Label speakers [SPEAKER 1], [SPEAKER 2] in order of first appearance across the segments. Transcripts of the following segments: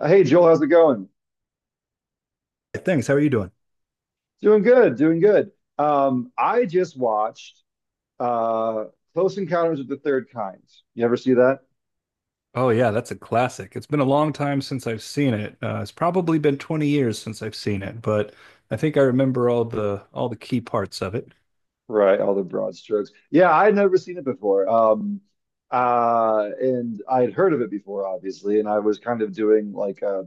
[SPEAKER 1] Hey, Joel, how's it going?
[SPEAKER 2] Thanks. How are you doing?
[SPEAKER 1] Doing good, doing good. I just watched uh, Close Encounters of the Third Kind. You ever see that?
[SPEAKER 2] Oh yeah, that's a classic. It's been a long time since I've seen it. It's probably been 20 years since I've seen it, but I think I remember all the key parts of it.
[SPEAKER 1] Right, all the broad strokes. Yeah, I'd never seen it before. And I had heard of it before, obviously, and I was kind of doing like a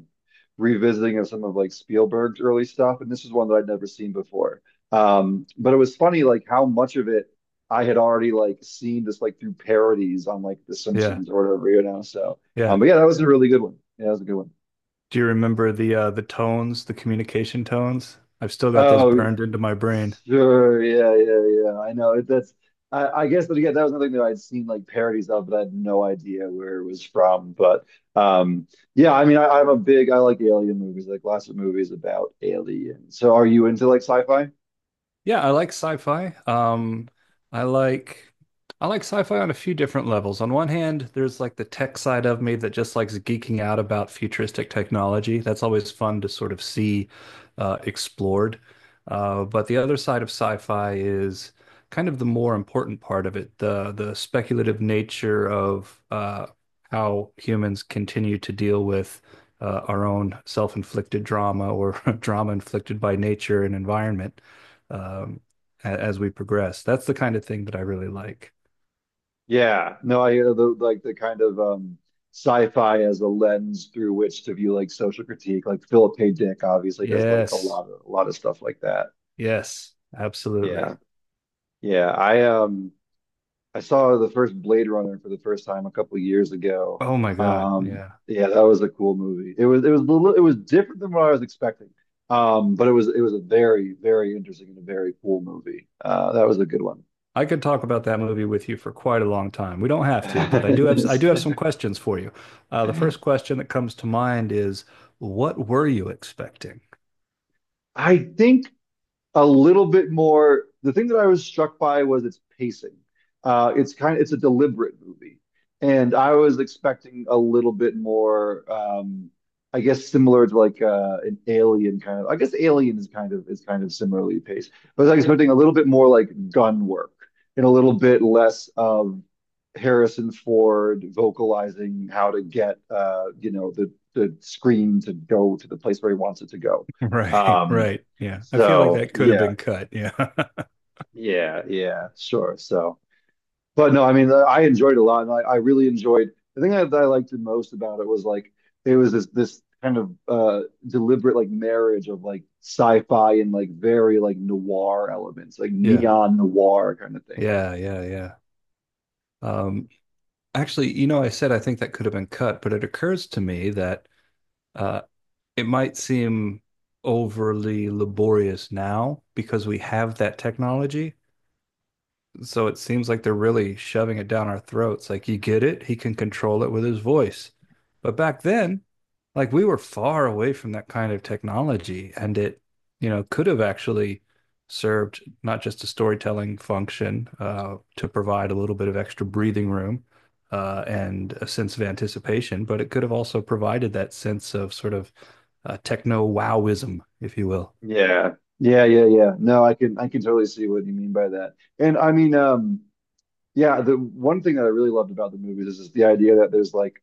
[SPEAKER 1] revisiting of some of like Spielberg's early stuff, and this is one that I'd never seen before. But it was funny like how much of it I had already like seen just like through parodies on like The
[SPEAKER 2] Yeah,
[SPEAKER 1] Simpsons or whatever. So,
[SPEAKER 2] yeah.
[SPEAKER 1] um, but yeah, that was a really good one. Yeah, that was a good one.
[SPEAKER 2] Do you remember the tones, the communication tones? I've still got those
[SPEAKER 1] Oh,
[SPEAKER 2] burned into my brain.
[SPEAKER 1] sure, yeah, yeah, yeah. I know it, that's. I guess, but again, that was nothing that I'd seen like parodies of, but I had no idea where it was from. But um, yeah, I mean, I'm a big, I like alien movies, like lots of movies about aliens. So, are you into like sci-fi?
[SPEAKER 2] Yeah, I like sci-fi. I like I like sci-fi on a few different levels. On one hand, there's like the tech side of me that just likes geeking out about futuristic technology. That's always fun to sort of see explored. But the other side of sci-fi is kind of the more important part of it, the speculative nature of how humans continue to deal with our own self-inflicted drama or drama inflicted by nature and environment um, as we progress. That's the kind of thing that I really like.
[SPEAKER 1] Yeah, no, I the like the kind of sci-fi as a lens through which to view like social critique. Like Philip K. Dick obviously does like
[SPEAKER 2] Yes,
[SPEAKER 1] a lot of stuff like that.
[SPEAKER 2] yes, absolutely.
[SPEAKER 1] Yeah. Yeah, I saw the first Blade Runner for the first time a couple of years ago.
[SPEAKER 2] Oh my God, yeah.
[SPEAKER 1] Yeah, that was a cool movie. It was different than what I was expecting. But it was a very very interesting and a very cool movie. That was a good one.
[SPEAKER 2] I could talk about that movie with you for quite a long time. We don't have to, but I do have I do have some questions for you. The first question that comes to mind is, what were you expecting?
[SPEAKER 1] I think a little bit more. The thing that I was struck by was its pacing. It's kind of it's a deliberate movie, and I was expecting a little bit more. I guess similar to like an Alien kind of. I guess Alien is kind of similarly paced, but I was expecting a little bit more like gun work and a little bit less of Harrison Ford vocalizing how to get the screen to go to the place where he wants it to go.
[SPEAKER 2] Right,
[SPEAKER 1] Um,
[SPEAKER 2] right. Yeah. I feel like
[SPEAKER 1] so
[SPEAKER 2] that could have
[SPEAKER 1] yeah,
[SPEAKER 2] been cut. Yeah.
[SPEAKER 1] yeah, yeah, sure. So, but no, I mean, I enjoyed it a lot, and I really enjoyed. The thing that I liked the most about it was like it was this kind of deliberate like marriage of like sci-fi and like very like noir elements, like
[SPEAKER 2] Yeah.
[SPEAKER 1] neon noir kind of thing.
[SPEAKER 2] Yeah, yeah, yeah. Um, Actually, you know, I said I think that could have been cut, but it occurs to me that uh, it might seem overly laborious now because we have that technology, so it seems like they're really shoving it down our throats. Like you get it, he can control it with his voice. But back then, like we were far away from that kind of technology, and it, you know, could have actually served not just a storytelling function to provide a little bit of extra breathing room and a sense of anticipation, but it could have also provided that sense of sort of techno wowism, if you will.
[SPEAKER 1] Yeah. Yeah, yeah, yeah. No, I can totally see what you mean by that. And I mean, yeah, the one thing that I really loved about the movies is just the idea that there's like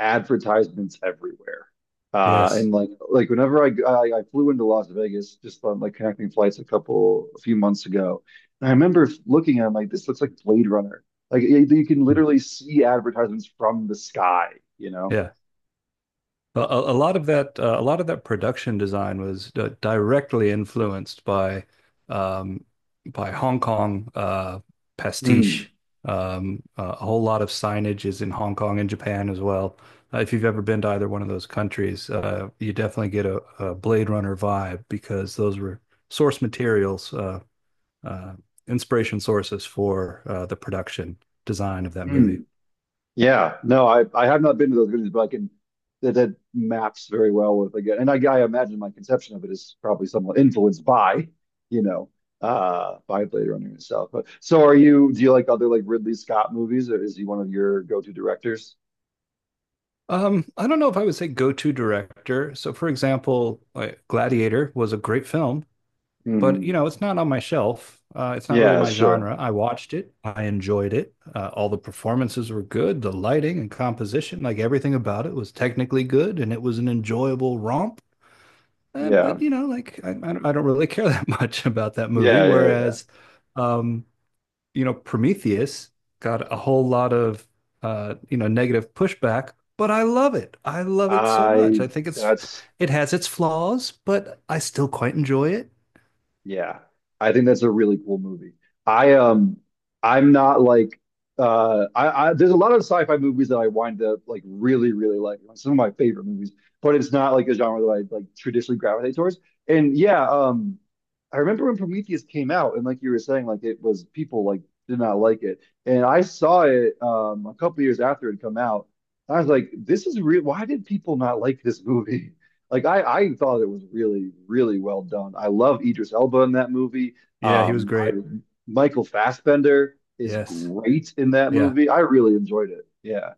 [SPEAKER 1] advertisements everywhere.
[SPEAKER 2] Yes.
[SPEAKER 1] And like whenever I flew into Las Vegas just on like connecting flights a few months ago, and I remember looking at it, I'm like this looks like Blade Runner. Like you can
[SPEAKER 2] Hmm.
[SPEAKER 1] literally see advertisements from the sky, you know.
[SPEAKER 2] Yeah. A lot of that, a lot of that production design was directly influenced um, by Hong Kong
[SPEAKER 1] Mm,
[SPEAKER 2] pastiche. A whole lot of signage is in Hong Kong and Japan as well. If you've ever been to either one of those countries, you definitely get a Blade Runner vibe because those were source materials, uh, inspiration sources for the production design of that movie.
[SPEAKER 1] mm. Yeah, no, I have not been to those villages, but I can that that maps very well with again, and I imagine my conception of it is probably somewhat influenced by, you know, by Blade Runner itself. But so, are you? Do you like other like Ridley Scott movies, or is he one of your go-to directors?
[SPEAKER 2] I don't know if I would say go-to director. So, for example, like Gladiator was a great film, but you
[SPEAKER 1] Hmm.
[SPEAKER 2] know, it's not on my shelf. It's not really
[SPEAKER 1] Yeah,
[SPEAKER 2] my
[SPEAKER 1] sure.
[SPEAKER 2] genre. I watched it. I enjoyed it. All the performances were good. The lighting and composition, like everything about it, was technically good, and it was an enjoyable romp.
[SPEAKER 1] Yeah,
[SPEAKER 2] But you know, like I don't I don't really care that much about that movie.
[SPEAKER 1] yeah, yeah, yeah.
[SPEAKER 2] Whereas, um, you know, Prometheus got a whole lot of you know, negative pushback, but I love it. I love it so
[SPEAKER 1] I
[SPEAKER 2] much. I think
[SPEAKER 1] that's.
[SPEAKER 2] it has its flaws, but I still quite enjoy it.
[SPEAKER 1] Yeah. I think that's a really cool movie. I um I'm not like I, there's a lot of sci-fi movies that I wind up like really, really like. Some of my favorite movies, but it's not like a genre that I like traditionally gravitate towards. And yeah, I remember when Prometheus came out and like you were saying, like it was people like did not like it. And I saw it a couple years after it had come out. I was like, this is real. Why did people not like this movie? Like I thought it was really, really well done. I love Idris Elba in that movie.
[SPEAKER 2] Yeah, he was
[SPEAKER 1] I
[SPEAKER 2] great.
[SPEAKER 1] Michael Fassbender is
[SPEAKER 2] Yes.
[SPEAKER 1] great in that
[SPEAKER 2] Yeah.
[SPEAKER 1] movie. I really enjoyed it. Yeah.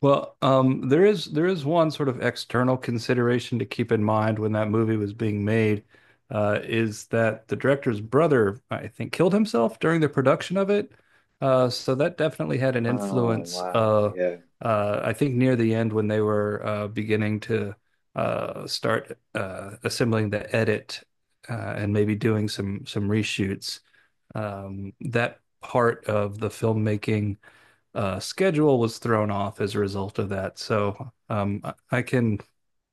[SPEAKER 2] Well, there is one sort of external consideration to keep in mind when that movie was being made, is that the director's brother, I think, killed himself during the production of it. So that definitely had an
[SPEAKER 1] Oh
[SPEAKER 2] influence.
[SPEAKER 1] wow. Yeah.
[SPEAKER 2] I think near the end when they were beginning to start assembling the edit, and maybe doing some reshoots, that part of the filmmaking schedule was thrown off as a result of that. So can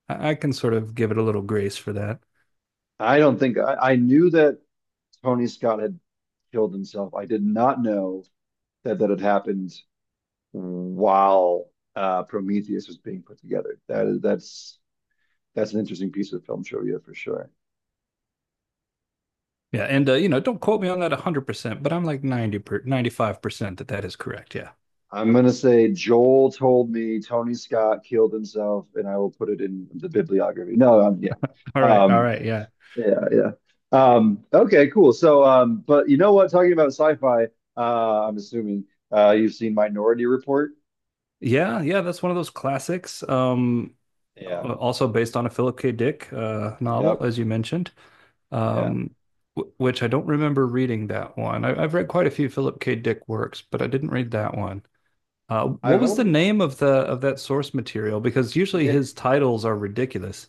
[SPEAKER 2] I can sort of give it a little grace for that.
[SPEAKER 1] I don't think I knew that Tony Scott had killed himself. I did not know that that had happened while Prometheus was being put together. That's that's an interesting piece of film trivia for sure.
[SPEAKER 2] Yeah, and You know, don't quote me on that 100%, but I'm like 95% that that is correct. Yeah.
[SPEAKER 1] I'm gonna say Joel told me Tony Scott killed himself, and I will put it in the bibliography. No,
[SPEAKER 2] All right. All
[SPEAKER 1] um,
[SPEAKER 2] right. Yeah.
[SPEAKER 1] yeah, yeah. Okay, cool. So, but you know what? Talking about sci-fi, I'm assuming you've seen Minority Report.
[SPEAKER 2] Yeah, yeah, that's one of those classics.
[SPEAKER 1] Yeah.
[SPEAKER 2] Also based on a Philip K. Dick novel,
[SPEAKER 1] Yep.
[SPEAKER 2] as you mentioned,
[SPEAKER 1] Yeah.
[SPEAKER 2] um, which I don't remember reading that one. I've read quite a few Philip K. Dick works, but I didn't read that one. What
[SPEAKER 1] I've
[SPEAKER 2] was the
[SPEAKER 1] only
[SPEAKER 2] name of the of that source material? Because usually
[SPEAKER 1] yeah,
[SPEAKER 2] his titles are ridiculous.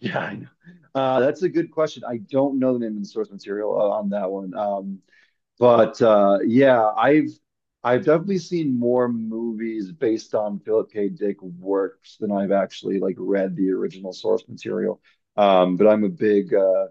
[SPEAKER 1] yeah. I know. That's a good question. I don't know the name of the source material on that one. But yeah, I've definitely seen more movies based on Philip K. Dick works than I've actually like read the original source material. But I'm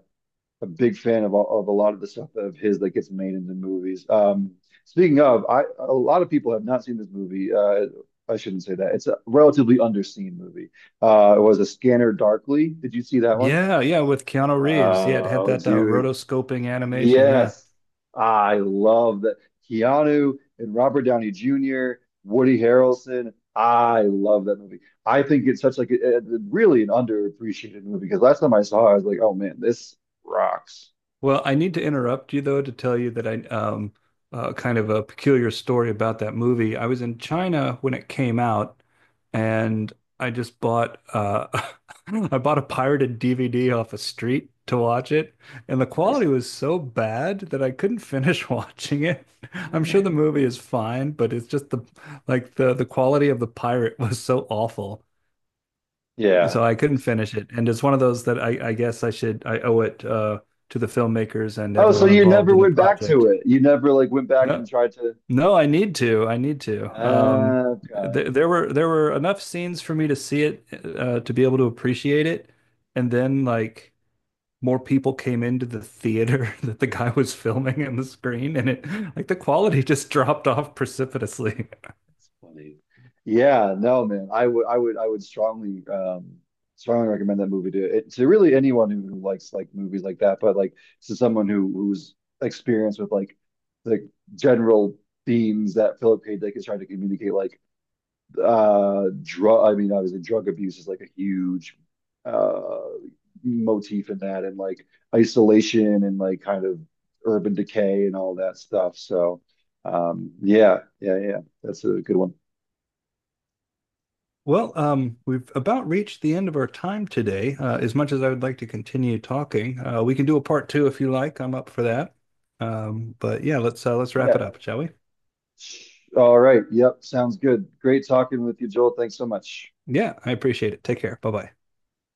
[SPEAKER 1] a big fan of all- of a lot of the stuff of his that gets made into movies. Speaking of, I a lot of people have not seen this movie. I shouldn't say that. It's a relatively underseen movie. It was a Scanner Darkly. Did you see that one?
[SPEAKER 2] Yeah, yeah, with Keanu Reeves. He had
[SPEAKER 1] Oh,
[SPEAKER 2] that
[SPEAKER 1] dude.
[SPEAKER 2] rotoscoping animation. Yeah.
[SPEAKER 1] Yes, I love that. Keanu and Robert Downey Jr., Woody Harrelson. I love that movie. I think it's such like really an underappreciated movie because last time I saw it, I was like, oh man, this rocks.
[SPEAKER 2] Well, I need to interrupt you though to tell you that I kind of a peculiar story about that movie. I was in China when it came out, and I just bought I bought a pirated DVD off a street to watch it, and the quality
[SPEAKER 1] Nice.
[SPEAKER 2] was so bad that I couldn't finish watching it. I'm sure the movie is fine, but it's just the like the quality of the pirate was so awful
[SPEAKER 1] Yeah.
[SPEAKER 2] so I couldn't finish it. And it's one of those that I guess I owe it to the filmmakers and
[SPEAKER 1] Oh, so
[SPEAKER 2] everyone
[SPEAKER 1] you
[SPEAKER 2] involved
[SPEAKER 1] never
[SPEAKER 2] in the
[SPEAKER 1] went back to
[SPEAKER 2] project.
[SPEAKER 1] it. You never like went back and
[SPEAKER 2] No,
[SPEAKER 1] tried to.
[SPEAKER 2] no, I need to. I need to.
[SPEAKER 1] Okay.
[SPEAKER 2] Th there were enough scenes for me to see it to be able to appreciate it, and then like more people came into the theater that the guy was filming on the screen, and it like the quality just dropped off precipitously.
[SPEAKER 1] That's funny. Yeah, no, man. I would strongly, strongly recommend that movie to it, to really anyone who likes like movies like that. But like to someone who who's experienced with like the general themes that Philip K. Dick is trying to communicate, like drug. I mean, obviously, drug abuse is like a huge uh motif in that, and like isolation and like kind of urban decay and all that stuff. So, yeah, yeah, yeah. That's a good one.
[SPEAKER 2] Well, we've about reached the end of our time today. As much as I would like to continue talking, we can do a part two if you like. I'm up for that. But yeah, let's wrap it
[SPEAKER 1] Yeah.
[SPEAKER 2] up, shall we?
[SPEAKER 1] All right. Yep. Sounds good. Great talking with you, Joel. Thanks so much.
[SPEAKER 2] Yeah, I appreciate it. Take care. Bye bye.